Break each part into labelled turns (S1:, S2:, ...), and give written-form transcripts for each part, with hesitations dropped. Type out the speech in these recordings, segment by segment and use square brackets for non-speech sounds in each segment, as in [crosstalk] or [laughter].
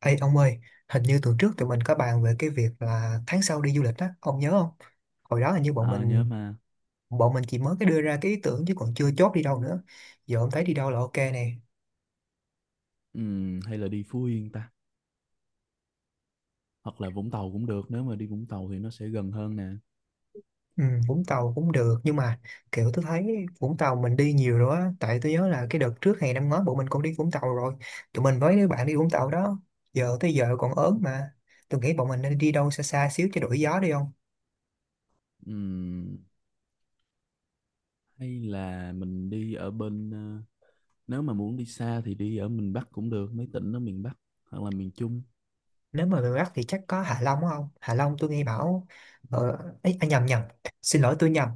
S1: Ê ông ơi, hình như tuần trước tụi mình có bàn về cái việc là tháng sau đi du lịch á, ông nhớ không? Hồi đó hình như bọn
S2: Ờ, nhớ
S1: mình
S2: mà.
S1: bọn mình chỉ mới cái đưa ra cái ý tưởng chứ còn chưa chốt đi đâu nữa. Giờ ông thấy đi đâu là ok nè.
S2: Hay là đi Phú Yên ta, hoặc là Vũng Tàu cũng được. Nếu mà đi Vũng Tàu thì nó sẽ gần hơn nè.
S1: Ừ, Vũng Tàu cũng được nhưng mà kiểu tôi thấy Vũng Tàu mình đi nhiều rồi á, tại tôi nhớ là cái đợt trước hè năm ngoái bọn mình cũng đi Vũng Tàu rồi. Tụi mình với đứa bạn đi Vũng Tàu đó, giờ tới giờ còn ớn mà. Tôi nghĩ bọn mình nên đi đâu xa xa xíu cho đổi gió đi.
S2: Ừm, hay là mình đi ở bên nếu mà muốn đi xa thì đi ở miền Bắc cũng được, mấy tỉnh ở miền Bắc hoặc là miền Trung.
S1: Nếu mà người Bắc thì chắc có Hạ Long đúng không, Hạ Long tôi nghe bảo ờ, ấy, à, nhầm nhầm xin lỗi tôi nhầm,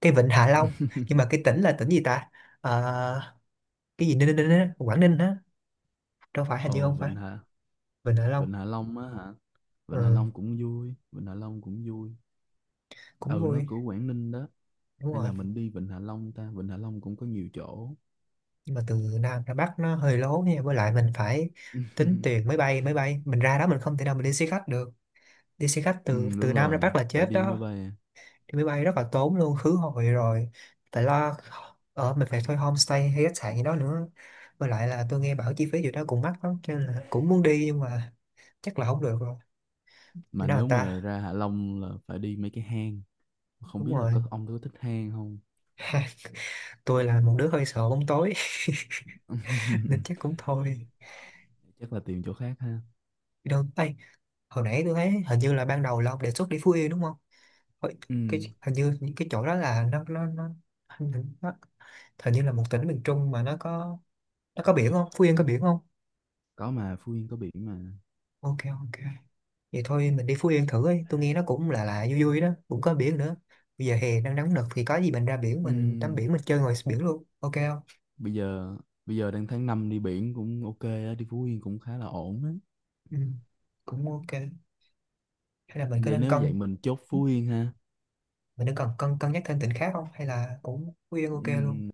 S1: cái vịnh Hạ Long, nhưng mà cái tỉnh là tỉnh gì ta? Ờ, cái gì Ninh, Ninh á, Quảng Ninh á, đâu phải, hình như
S2: Ồ,
S1: không
S2: Vịnh
S1: phải
S2: Hạ...
S1: vịnh Hạ Long.
S2: Vịnh Hạ Long á hả? Vịnh Hạ
S1: Ờ,
S2: Long cũng vui, Vịnh Hạ Long cũng vui.
S1: cũng
S2: Ừ,
S1: vui,
S2: nó của Quảng Ninh đó.
S1: đúng
S2: Hay
S1: rồi.
S2: là mình đi Vịnh Hạ Long ta? Vịnh Hạ Long cũng có nhiều chỗ.
S1: Nhưng mà từ Nam ra Bắc nó hơi lố nha, với lại mình phải tính tiền máy
S2: [laughs]
S1: bay, máy bay mình ra đó, mình không thể nào mình đi xe khách được. Đi xe khách
S2: Ừ,
S1: từ
S2: đúng
S1: từ Nam
S2: rồi,
S1: ra Bắc là
S2: phải
S1: chết
S2: đi máy
S1: đó.
S2: bay.
S1: Đi máy bay rất là tốn luôn, khứ hồi rồi, tại lo ở mình phải thuê homestay hay khách sạn gì đó nữa, với lại là tôi nghe bảo chi phí gì đó cũng mắc lắm, cho nên là cũng muốn đi nhưng mà chắc là không được rồi. Chỗ
S2: Mà
S1: nào
S2: nếu
S1: ta?
S2: mà ra Hạ Long là phải đi mấy cái hang, không
S1: Đúng
S2: biết là
S1: rồi.
S2: ông có thích hang không.
S1: [laughs] Tôi là một đứa hơi sợ bóng tối. [laughs] Nên
S2: [laughs]
S1: chắc cũng thôi.
S2: Chắc là tìm chỗ khác ha.
S1: Đi đâu? Ê, hồi nãy tôi thấy hình như là ban đầu là ông đề xuất đi Phú Yên đúng không? Hồi-
S2: Ừ,
S1: cái hình như những cái chỗ đó là nó hình như, nó hình như là một tỉnh miền Trung mà nó có, nó có biển không, Phú Yên có biển không?
S2: có mà, Phú Yên có biển mà.
S1: Ok, ok. Vậy thôi mình đi Phú Yên thử ấy, tôi nghe nó cũng là vui vui đó, cũng có biển nữa. Bây giờ hè đang nóng nực thì có gì mình ra biển,
S2: Ừ,
S1: mình tắm biển, mình chơi ngoài biển luôn, ok không?
S2: bây giờ bây giờ đang tháng 5, đi biển cũng ok á, đi Phú Yên cũng khá là ổn á.
S1: Ừ, cũng ok. Hay là mình có
S2: Vậy
S1: nên
S2: nếu vậy
S1: cân,
S2: mình chốt Phú Yên ha.
S1: Mình nên cần cân cân nhắc thêm tỉnh khác không? Hay là cũng Phú Yên ok luôn?
S2: Ừm,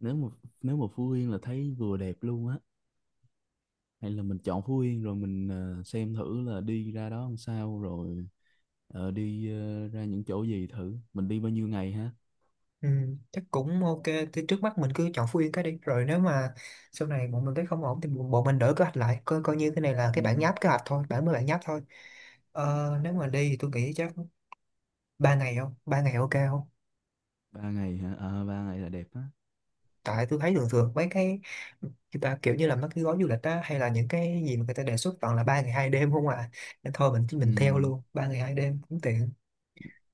S2: nếu mà nếu mà Phú Yên là thấy vừa đẹp luôn á. Hay là mình chọn Phú Yên rồi mình xem thử là đi ra đó làm sao rồi đi ra những chỗ gì thử, mình đi bao nhiêu ngày ha?
S1: Ừ, chắc cũng ok. Thì trước mắt mình cứ chọn Phú Yên cái đi. Rồi nếu mà sau này bọn mình thấy không ổn thì bọn bọn mình đổi kế hoạch lại, coi coi như cái này là cái
S2: Ừ,
S1: bản nháp kế hoạch thôi, bản nháp thôi. Ờ, nếu mà đi thì tôi nghĩ chắc ba ngày không? Ba ngày ok không?
S2: 3 ngày hả? À, 3 ngày là đẹp á.
S1: Tại tôi thấy thường thường mấy cái người ta kiểu như là mấy cái gói du lịch á hay là những cái gì mà người ta đề xuất toàn là ba ngày hai đêm không à, nên thôi mình
S2: Ừ.
S1: mình theo luôn ba ngày hai đêm cũng tiện.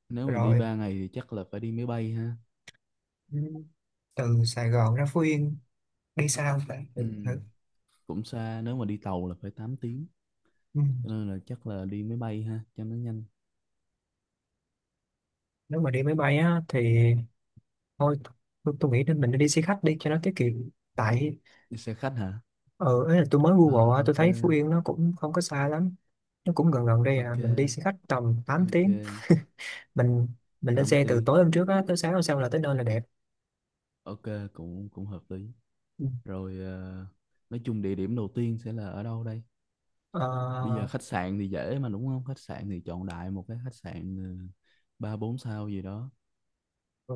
S2: Nếu mà đi
S1: Rồi,
S2: 3 ngày thì chắc là phải đi máy bay ha.
S1: ừ, từ Sài Gòn ra Phú Yên đi sao ta? Để
S2: Ừ.
S1: thử.
S2: Cũng xa, nếu mà đi tàu là phải 8 tiếng.
S1: Ừ.
S2: Cho nên là chắc là đi máy bay ha, cho nó nhanh.
S1: Nếu mà đi máy bay á thì thôi, tôi nghĩ nên mình nên đi xe khách đi cho nó tiết kiệm. Tại
S2: Đi xe khách hả?
S1: ờ ấy là tôi mới
S2: À,
S1: Google á, tôi
S2: ok,
S1: thấy Phú Yên nó cũng không có xa lắm, nó cũng gần gần đây à,
S2: ok,
S1: mình đi xe khách tầm tám tiếng.
S2: ok,
S1: [laughs] mình mình lên
S2: 8
S1: xe từ
S2: tiếng.
S1: tối hôm trước á, tới sáng hôm sau là tới nơi là đẹp.
S2: Ok, cũng cũng hợp lý.
S1: Ừ.
S2: Rồi nói chung địa điểm đầu tiên sẽ là ở đâu đây? Bây giờ
S1: Ờ,
S2: khách sạn thì dễ mà đúng không? Khách sạn thì chọn đại một cái khách sạn ba bốn sao gì đó.
S1: ừ.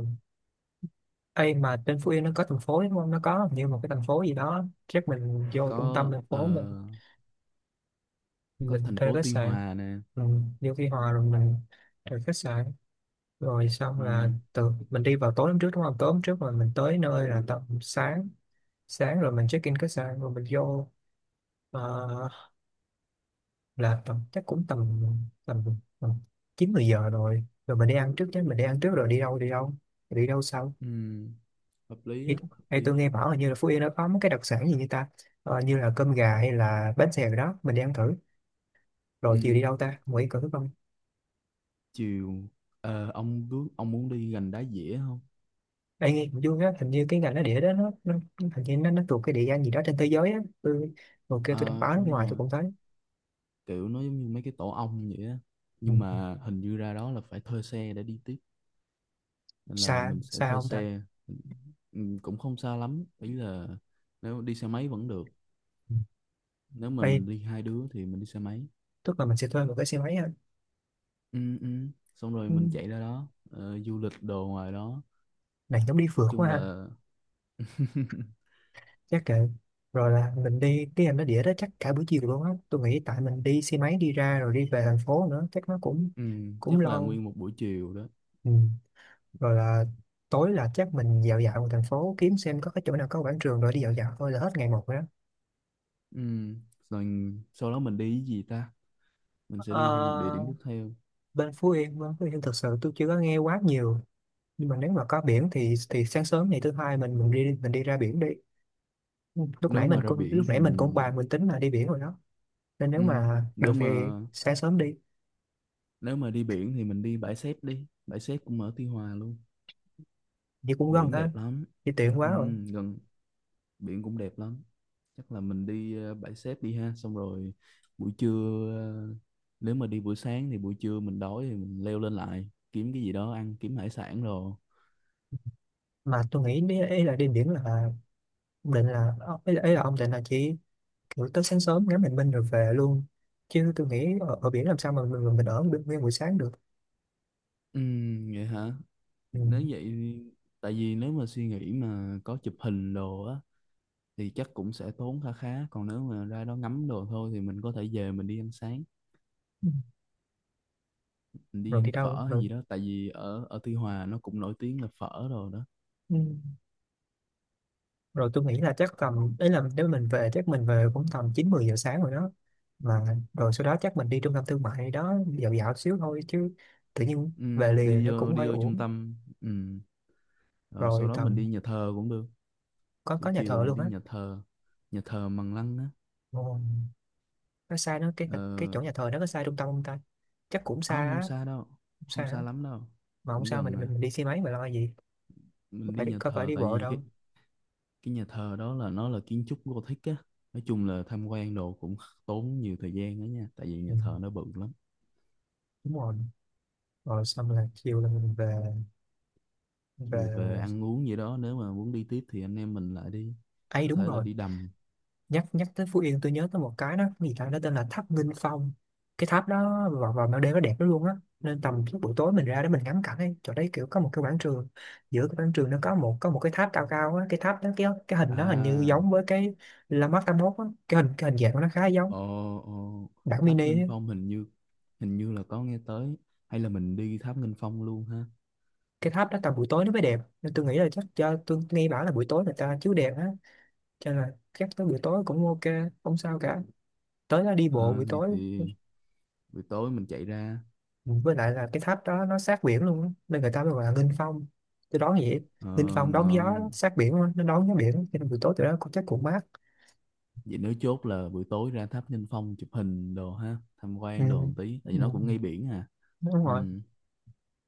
S1: Ê, mà trên Phú Yên nó có thành phố đúng không? Nó có như một cái thành phố gì đó. Chắc mình vô trung tâm
S2: Có
S1: thành phố mình
S2: có
S1: mình
S2: thành
S1: thuê
S2: phố
S1: khách
S2: Tuy
S1: sạn.
S2: Hòa nè.
S1: Ừ. Vô Tuy Hòa rồi mình thuê khách sạn. Rồi xong là
S2: Ừ.
S1: từ mình đi vào tối hôm trước đúng không? Tối hôm trước rồi mình tới nơi là tầm sáng. Sáng rồi mình check in khách sạn rồi mình vô ờ, là tầm chắc cũng tầm tầm, tầm 9 10 giờ rồi. Rồi mình đi ăn trước chứ, mình đi ăn trước rồi đi đâu. Đi đâu sau?
S2: Ừ, hợp lý
S1: Thì,
S2: á, hợp
S1: thì tôi
S2: lý á.
S1: nghe bảo là như là Phú Yên nó có mấy cái đặc sản gì như ta, ờ, như là cơm gà hay là bánh xèo đó, mình đi ăn thử. Rồi chiều đi
S2: Ừ,
S1: đâu ta, Nguyễn Cửu không?
S2: chiều ông muốn đi gành đá dĩa không?
S1: Ê, nghe cũng vui á, hình như cái ngành nó địa đó nó hình như nó thuộc cái địa danh gì đó trên thế giới á, tôi hồi kia tôi đọc
S2: Ờ,
S1: báo nước
S2: đúng
S1: ngoài tôi
S2: rồi,
S1: cũng thấy.
S2: kiểu nó giống như mấy cái tổ ong vậy á.
S1: Ừ.
S2: Nhưng mà hình như ra đó là phải thuê xe để đi tiếp nên là
S1: Xa
S2: mình sẽ
S1: xa
S2: thuê
S1: không ta?
S2: xe. Ừ, cũng không xa lắm, ý là nếu đi xe máy vẫn được.
S1: Ừ.
S2: Nếu mà
S1: Ê,
S2: mình đi hai đứa thì mình đi xe máy.
S1: tức là mình sẽ thuê một cái xe máy ha?
S2: Ừ, ừ. Xong rồi mình
S1: Ừ.
S2: chạy ra đó, du lịch đồ ngoài đó.
S1: Này giống đi
S2: Nói
S1: phượt quá
S2: chung
S1: ha.
S2: là [laughs]
S1: Chắc kệ. Rồi là mình đi cái ngành nó địa đó chắc cả buổi chiều luôn á, tôi nghĩ tại mình đi xe máy đi ra rồi đi về thành phố nữa chắc nó cũng
S2: ừ,
S1: cũng
S2: chắc là
S1: lâu.
S2: nguyên một buổi chiều đó.
S1: Ừ. Rồi là tối là chắc mình dạo dạo một thành phố kiếm xem có cái chỗ nào có quảng trường rồi đi dạo dạo thôi là hết ngày một rồi đó.
S2: Ừ. Rồi sau đó mình đi cái gì ta? Mình sẽ đi thêm một địa
S1: Ờ,
S2: điểm tiếp theo.
S1: bên Phú Yên thực sự tôi chưa có nghe quá nhiều, nhưng mà nếu mà có biển thì sáng sớm ngày thứ hai mình đi mình đi ra biển đi. lúc
S2: Nếu
S1: nãy mình
S2: mà ra
S1: cũng lúc
S2: biển thì
S1: nãy mình cũng
S2: mình
S1: bàn mình tính là đi biển rồi đó, nên nếu
S2: ừ.
S1: mà được
S2: Nếu
S1: thì
S2: mà
S1: sáng sớm đi
S2: nếu mà đi biển thì mình đi. Bãi xép cũng ở Tuy Hòa luôn.
S1: thì cũng gần
S2: Biển
S1: ha,
S2: đẹp lắm.
S1: thì tiện quá
S2: Ừ.
S1: rồi.
S2: Gần, biển cũng đẹp lắm. Chắc là mình đi bãi xép đi ha. Xong rồi buổi trưa nếu mà đi buổi sáng thì buổi trưa mình đói thì mình leo lên lại kiếm cái gì đó ăn, kiếm hải sản rồi.
S1: Mà tôi nghĩ ý là đi biển là ông định là ý là ông định là chỉ buổi tới sáng sớm ngắm bình minh rồi về luôn, chứ tôi nghĩ ở biển làm sao mà mình ở nguyên nguyên buổi sáng được.
S2: Vậy hả?
S1: Ừ.
S2: Nếu vậy thì- tại vì nếu mà suy nghĩ mà có chụp hình đồ á thì chắc cũng sẽ tốn khá khá, còn nếu mà ra đó ngắm đồ thôi thì mình có thể về mình đi ăn sáng,
S1: Ừ.
S2: mình đi
S1: Rồi đi
S2: ăn
S1: đâu
S2: phở hay
S1: rồi.
S2: gì đó tại vì ở ở Tuy Hòa nó cũng nổi tiếng là phở rồi đó.
S1: Ừ. Rồi tôi nghĩ là chắc tầm đấy là nếu mình về chắc mình về cũng tầm chín mười giờ sáng rồi đó mà. Rồi sau đó chắc mình đi trung tâm thương mại gì đó dạo dạo xíu thôi chứ tự nhiên về liền
S2: Đi
S1: nó
S2: vô
S1: cũng
S2: đi
S1: hơi
S2: vô trung
S1: uổng.
S2: tâm, ừm, rồi sau
S1: Rồi
S2: đó mình
S1: tầm
S2: đi nhà thờ cũng được.
S1: có
S2: Buổi
S1: có nhà
S2: chiều
S1: thờ
S2: mình
S1: luôn
S2: đi
S1: á?
S2: nhà thờ Mằng Lăng á.
S1: Ồ, nó xa nó cái
S2: Ờ,
S1: chỗ nhà thờ nó có xa trung tâm không ta? Chắc cũng xa
S2: không không
S1: á,
S2: xa đâu,
S1: cũng xa
S2: không
S1: á.
S2: xa lắm đâu.
S1: Mà không
S2: Cũng
S1: sao,
S2: gần
S1: mình
S2: nè.
S1: mình, mình đi xe máy mà lo gì, có
S2: Mình đi
S1: phải
S2: nhà
S1: có phải
S2: thờ
S1: đi
S2: tại
S1: bộ
S2: vì cái
S1: đâu.
S2: cái nhà thờ đó là nó là kiến trúc Gothic á, nói chung là tham quan đồ cũng tốn nhiều thời gian đó nha tại vì nhà
S1: Ừ,
S2: thờ nó bự lắm.
S1: đúng rồi. Rồi xong là chiều là mình về, về
S2: Dù về ăn uống gì đó nếu mà muốn đi tiếp thì anh em mình lại đi,
S1: ấy
S2: có
S1: đúng
S2: thể là
S1: rồi.
S2: đi đầm.
S1: Nhắc nhắc tới Phú Yên tôi nhớ tới một cái đó, cái gì ta, nó tên là tháp Nghinh Phong. Cái tháp đó vào vào ban đêm nó đẹp lắm luôn á, nên tầm lúc buổi tối mình ra để mình ngắm cảnh ấy. Chỗ đấy kiểu có một cái quảng trường, giữa cái quảng trường nó có một cái tháp cao cao á. Cái tháp đó cái hình
S2: À,
S1: giống với cái La Mát 81 á, cái hình dạng của nó khá giống
S2: ồ, ồ,
S1: bản
S2: tháp
S1: mini
S2: Nghinh
S1: á.
S2: Phong hình như, là có nghe tới. Hay là mình đi tháp Nghinh Phong luôn ha?
S1: Cái tháp đó tầm buổi tối nó mới đẹp nên tôi nghĩ là chắc cho, tôi nghe bảo là buổi tối người ta chiếu đèn á, cho nên là chắc tới buổi tối cũng ok, không sao cả, tới đó đi bộ buổi
S2: Ờ, thì,
S1: tối.
S2: thì buổi tối mình chạy ra
S1: Với lại là cái tháp đó nó sát biển luôn á, nên người ta mới gọi là nghênh phong, tôi đoán vậy.
S2: ờ,
S1: Nghênh phong đón gió
S2: ngon.
S1: sát biển á, nó đón gió biển cho nên buổi tối tụi nó cũng chắc cũng mát.
S2: Vậy nếu chốt là buổi tối ra tháp Nghinh Phong chụp hình đồ ha, tham
S1: Ừ.
S2: quan đồ một tí tại vì
S1: Ừ.
S2: nó cũng ngay biển à.
S1: đúng rồi
S2: Ừ,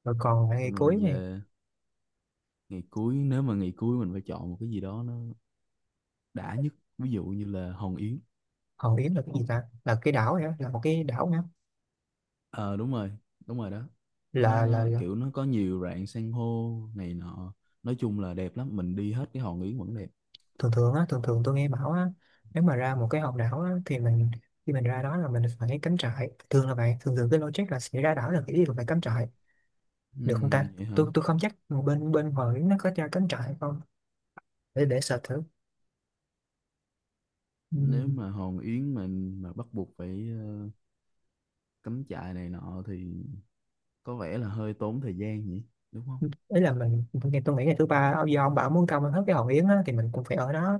S1: rồi còn lại ngày
S2: xong rồi
S1: cuối này.
S2: về. Ngày cuối, nếu mà ngày cuối mình phải chọn một cái gì đó nó đã nhất, ví dụ như là Hòn Yến.
S1: Hòn Yến là cái gì ta, là cái đảo vậy á, là một cái đảo nữa?
S2: Ờ, đúng rồi, đúng rồi đó. nó, nó
S1: Là
S2: kiểu nó có nhiều rạn san hô này nọ, nói chung là đẹp lắm, mình đi hết cái Hòn Yến vẫn đẹp.
S1: thường thường á Thường thường tôi nghe bảo á, nếu mà ra một cái hòn đảo á, thì mình khi mình ra đó là mình phải cắm trại, thường là vậy. Thường thường cái logic là sẽ ra đảo là cái ý là phải cắm trại. Được không ta?
S2: Vậy hả?
S1: Tôi không chắc bên bên Hòn Yến nó có cho cắm trại không, để sợ thử.
S2: Nếu
S1: Ừm,
S2: mà Hòn Yến mà bắt buộc phải cắm trại này nọ thì có vẻ là hơi tốn thời gian nhỉ, đúng không?
S1: ý là mình tôi nghĩ ngày thứ ba do ông bảo muốn công hết cái Hòn Yến á, thì mình cũng phải ở đó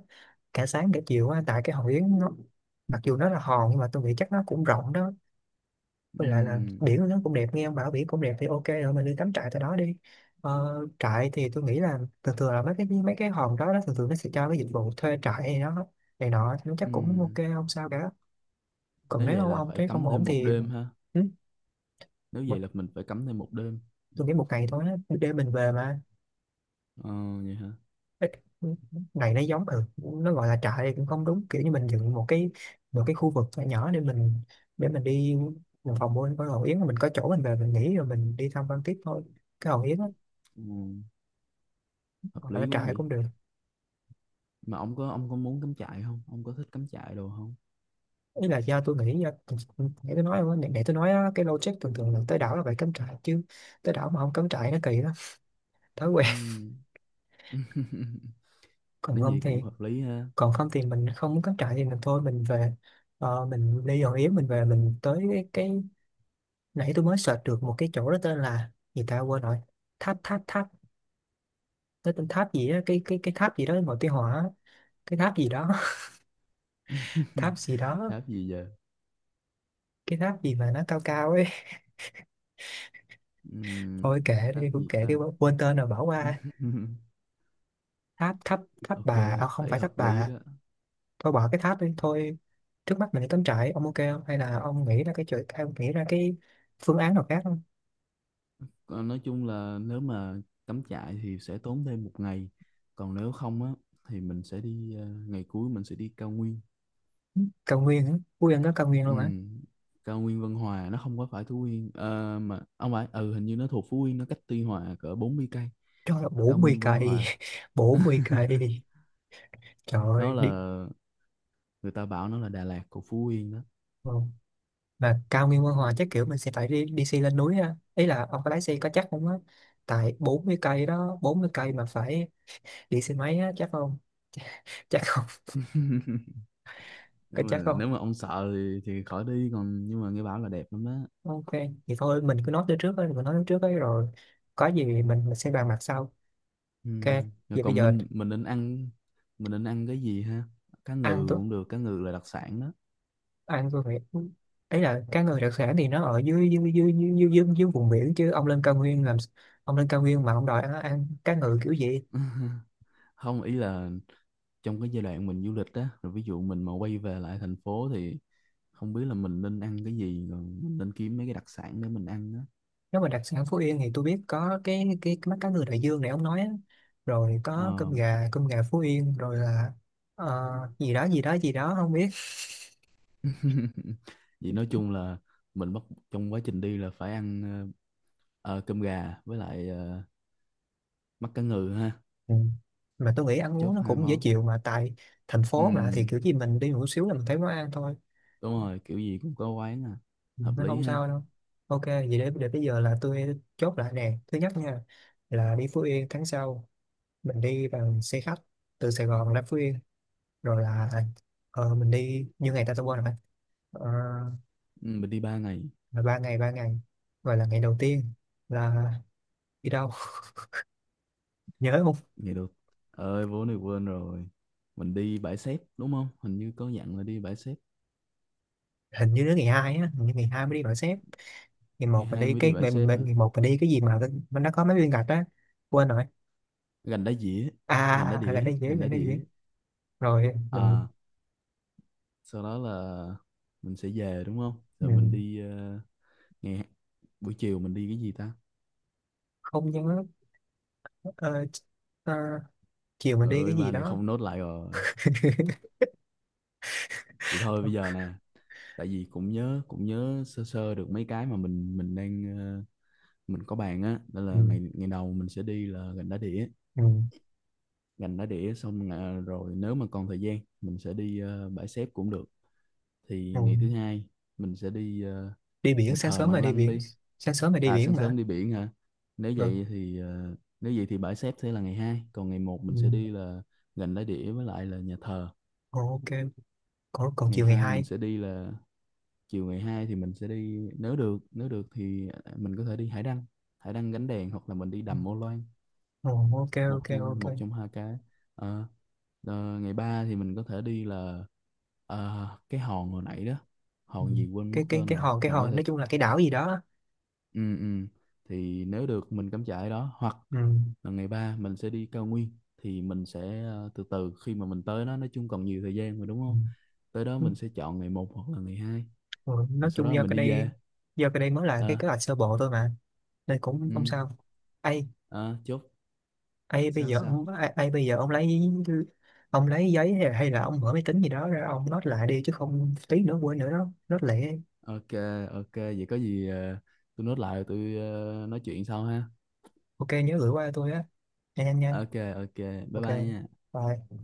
S1: cả sáng cả chiều á, tại cái Hòn Yến nó, mặc dù nó là hòn nhưng mà tôi nghĩ chắc nó cũng rộng đó. Với lại là
S2: Ừm,
S1: biển nó cũng đẹp, nghe ông bảo biển cũng đẹp thì ok rồi, mình đi cắm trại tại đó đi. Ờ, trại thì tôi nghĩ là thường thường là mấy cái hòn đó thường thường nó sẽ cho cái dịch vụ thuê trại hay đó này nọ, thì nó chắc cũng ok
S2: ừm.
S1: không sao cả. Còn
S2: Nếu
S1: nếu
S2: vậy
S1: ông
S2: là
S1: ông
S2: phải
S1: thấy không
S2: cắm
S1: ổn
S2: thêm một
S1: thì...
S2: đêm ha.
S1: Ừ.
S2: Nếu vậy
S1: một,
S2: là mình phải cắm thêm một đêm.
S1: tôi nghĩ một ngày thôi á, để mình về mà.
S2: Ờ, vậy hả?
S1: Ê, này nó giống nó gọi là trại thì cũng không đúng, kiểu như mình dựng một cái khu vực nhỏ nhỏ để mình đi một phòng mua có Hòn Yến, rồi mình có chỗ mình về mình nghỉ rồi mình đi thăm quan tiếp thôi cái Hòn Yến á.
S2: Ừ. Hợp
S1: Gọi là
S2: lý quá
S1: trại
S2: nhỉ.
S1: cũng được.
S2: Mà ông có muốn cắm trại không, ông có thích cắm trại đồ không?
S1: Ý là do tôi nghĩ do để tôi nói á, cái logic thường thường là tới đảo là phải cắm trại chứ. Tới đảo mà không cắm trại nó kỳ đó. Thói quen.
S2: Ừm. [laughs]
S1: [laughs] Còn
S2: Nói
S1: không
S2: gì
S1: thì...
S2: cũng hợp lý ha.
S1: mình không muốn cắm trại thì mình thôi, mình về. Ờ, mình đi Hòn Yến mình về, mình tới cái nãy tôi mới search được một cái chỗ đó tên là gì ta, quên rồi. Tháp tháp tháp nó tên tháp gì á, cái tháp gì đó màu tí hỏa á. Cái tháp gì đó. [laughs] Tháp
S2: [laughs]
S1: gì đó.
S2: Tháp gì giờ?
S1: Cái tháp gì mà nó cao cao ấy. [laughs]
S2: Ừm,
S1: Thôi kệ đi,
S2: tháp
S1: cũng
S2: gì
S1: kệ đi,
S2: ta?
S1: quên tên rồi, bỏ qua.
S2: [laughs]
S1: Tháp tháp Tháp
S2: Ok,
S1: Bà. À, không
S2: thấy
S1: phải Tháp
S2: hợp lý
S1: Bà.
S2: đó.
S1: Thôi bỏ cái tháp đi thôi. Trước mắt mình đi cắm trại, ông ok không? Hay là ông nghĩ ra cái phương án nào khác không?
S2: Còn nói chung là nếu mà cắm trại thì sẽ tốn thêm một ngày, còn nếu không á thì mình sẽ đi ngày cuối mình sẽ đi cao nguyên.
S1: Cao nguyên á? Ui, ăn có cao nguyên
S2: Ừ,
S1: luôn hả?
S2: cao nguyên Vân Hòa nó không có phải Phú Yên. Ờ, mà ông phải, ừ hình như nó thuộc Phú Yên, nó cách Tuy Hòa cỡ 40 cây.
S1: Trời ơi,
S2: Cao
S1: bốn mươi
S2: nguyên Vân
S1: cây
S2: Hòa
S1: [laughs] 40 cây. Trời
S2: nó
S1: ơi,
S2: là,
S1: đi.
S2: người ta bảo nó là Đà Lạt của Phú Yên đó.
S1: Ừ. Mà cao nguyên Quan Hòa chắc kiểu mình sẽ phải đi xe lên núi ha, ý là ông có lái xe có chắc không á, tại 40 cây đó, 40 cây mà phải đi xe máy á, chắc không? [laughs] Chắc không?
S2: [laughs] nếu
S1: Có chắc
S2: mà
S1: không?
S2: nếu mà ông sợ thì khỏi đi, còn nhưng mà nghe bảo là đẹp lắm đó.
S1: Ok thì thôi, mình cứ nói tới trước ấy, mình nói tới trước ấy rồi có gì mình sẽ bàn bạc sau.
S2: Ừ.
S1: Ok
S2: Rồi
S1: vậy bây
S2: còn
S1: giờ...
S2: mình nên ăn, mình nên ăn cái gì ha? Cá
S1: ăn
S2: ngừ
S1: tôi
S2: cũng được, cá ngừ là đặc sản đó.
S1: ăn tôi phải... ấy là cá ngừ đặc sản thì nó ở dưới dưới dưới dưới dưới, dưới vùng biển chứ. Ông lên cao nguyên làm ông lên cao nguyên mà ông đòi ăn cá ngừ kiểu gì?
S2: Không, ý là trong cái giai đoạn mình du lịch á, rồi ví dụ mình mà quay về lại thành phố thì không biết là mình nên ăn cái gì, rồi mình nên kiếm mấy cái đặc sản để mình ăn á.
S1: Nếu mà đặc sản Phú Yên thì tôi biết có cái mắt cá ngừ đại dương này ông nói á. Rồi có
S2: Ờ.
S1: cơm gà, cơm gà Phú Yên, rồi là ờ, gì đó gì đó gì đó không biết.
S2: [laughs] Vậy nói chung là mình bắt, trong quá trình đi là phải ăn ờ, cơm gà với lại mắt cá ngừ ha.
S1: Ừ. Mà tôi nghĩ ăn uống
S2: Chốt
S1: nó
S2: hai
S1: cũng dễ
S2: món.
S1: chịu mà, tại thành phố mà thì
S2: Ừ,
S1: kiểu gì mình đi một xíu là mình thấy món ăn thôi.
S2: đúng rồi, kiểu gì cũng có quán à.
S1: Ừ,
S2: Hợp
S1: nó
S2: lý
S1: không
S2: ha.
S1: sao đâu. Ok vậy để bây giờ là tôi chốt lại nè, thứ nhất nha, là đi Phú Yên tháng sau, mình đi bằng xe khách từ Sài Gòn ra Phú Yên, rồi là mình đi như ngày ta, tôi quên rồi. Ờ,
S2: Ừ, mình đi 3 ngày.
S1: là ba ngày, gọi là ngày đầu tiên là đi đâu? [laughs] Nhớ không?
S2: Ngày được, ơi vốn này quên rồi. Mình đi bãi xép đúng không? Hình như có dặn là đi bãi xép.
S1: Hình như đến ngày hai á, hình như ngày hai mới đi gọi sếp. Ngày
S2: Ngày
S1: một mình
S2: hai
S1: đi
S2: mới đi
S1: cái
S2: bãi xép hả?
S1: gì mà nó có mấy viên gạch á, quên rồi.
S2: Gành đá dĩa, gành đá
S1: À, là
S2: đĩa,
S1: nó dễ
S2: gành
S1: là
S2: đá
S1: nó dễ
S2: đĩa.
S1: Rồi mình,
S2: À, sau đó là mình sẽ về đúng không? Rồi mình
S1: mình
S2: đi nghe, buổi chiều mình đi cái gì ta?
S1: không nhớ. Ờ, ờ, chiều mình
S2: Trời
S1: đi
S2: ơi,
S1: cái gì
S2: ba này
S1: đó.
S2: không nốt lại rồi.
S1: [laughs]
S2: Vậy thôi bây giờ nè, tại vì cũng nhớ sơ sơ được mấy cái mà mình đang mình có bàn á, đó
S1: ừ,
S2: là ngày ngày đầu mình sẽ đi là gành đá đĩa.
S1: ừ.
S2: Gành đá đĩa xong là, rồi nếu mà còn thời gian mình sẽ đi bãi xép cũng được. Thì
S1: Ừ.
S2: ngày thứ hai mình sẽ đi
S1: đi biển
S2: nhà
S1: sáng
S2: thờ
S1: sớm mà
S2: Măng
S1: đi
S2: Lăng
S1: biển
S2: đi.
S1: sáng sớm mà đi
S2: À,
S1: biển
S2: sáng sớm
S1: mà.
S2: đi biển hả? Nếu
S1: Ừ.
S2: vậy thì nếu vậy thì bãi xếp sẽ là ngày hai, còn ngày một
S1: Ừ.
S2: mình sẽ đi là gành đá đĩa với lại là nhà thờ.
S1: Ồ, ok. Còn
S2: Ngày
S1: chiều ngày
S2: 2 mình
S1: hai?
S2: sẽ đi là, chiều ngày 2 thì mình sẽ đi nếu được, nếu được thì à, mình có thể đi hải đăng, hải đăng gánh đèn hoặc là mình đi
S1: Ừ.
S2: đầm Ô Loan.
S1: Ồ, ok
S2: một
S1: ok
S2: trong
S1: ok.
S2: một trong hai cái. Ờ, ờ, ngày 3 thì mình có thể đi là cái hòn hồi nãy đó,
S1: Ừ.
S2: hòn gì quên mất
S1: cái cái
S2: tên
S1: cái
S2: rồi,
S1: hòn cái
S2: mình có
S1: hòn
S2: thể
S1: nói chung là cái đảo gì đó.
S2: ừ, ừ. Thì nếu được mình cắm trại đó hoặc
S1: Ừ.
S2: là ngày ba mình sẽ đi cao nguyên. Thì mình sẽ từ từ khi mà mình tới đó, nói chung còn nhiều thời gian mà đúng
S1: Ừ.
S2: không? Tới đó mình sẽ chọn ngày một hoặc là ngày hai.
S1: Ừ.
S2: Rồi
S1: Nói
S2: sau
S1: chung
S2: đó
S1: do
S2: mình
S1: cái
S2: đi về.
S1: đây do cái đây mới là cái
S2: Ờ,
S1: kế hoạch sơ bộ thôi mà, nên cũng không
S2: ừ,
S1: sao. Ai?
S2: ờ, chốt.
S1: Ai bây
S2: Sao
S1: giờ
S2: sao?
S1: ông ai, ai bây giờ ông lấy giấy hay là ông mở máy tính gì đó ra, ông note lại đi, chứ không tí nữa quên nữa đó, note lại.
S2: Ok, ok, vậy có gì tôi nốt lại rồi tôi nói chuyện sau ha.
S1: Ok nhớ gửi qua cho tôi á, nhanh nhanh nha.
S2: Ok, ok, bye
S1: Ok,
S2: bye nha.
S1: bye.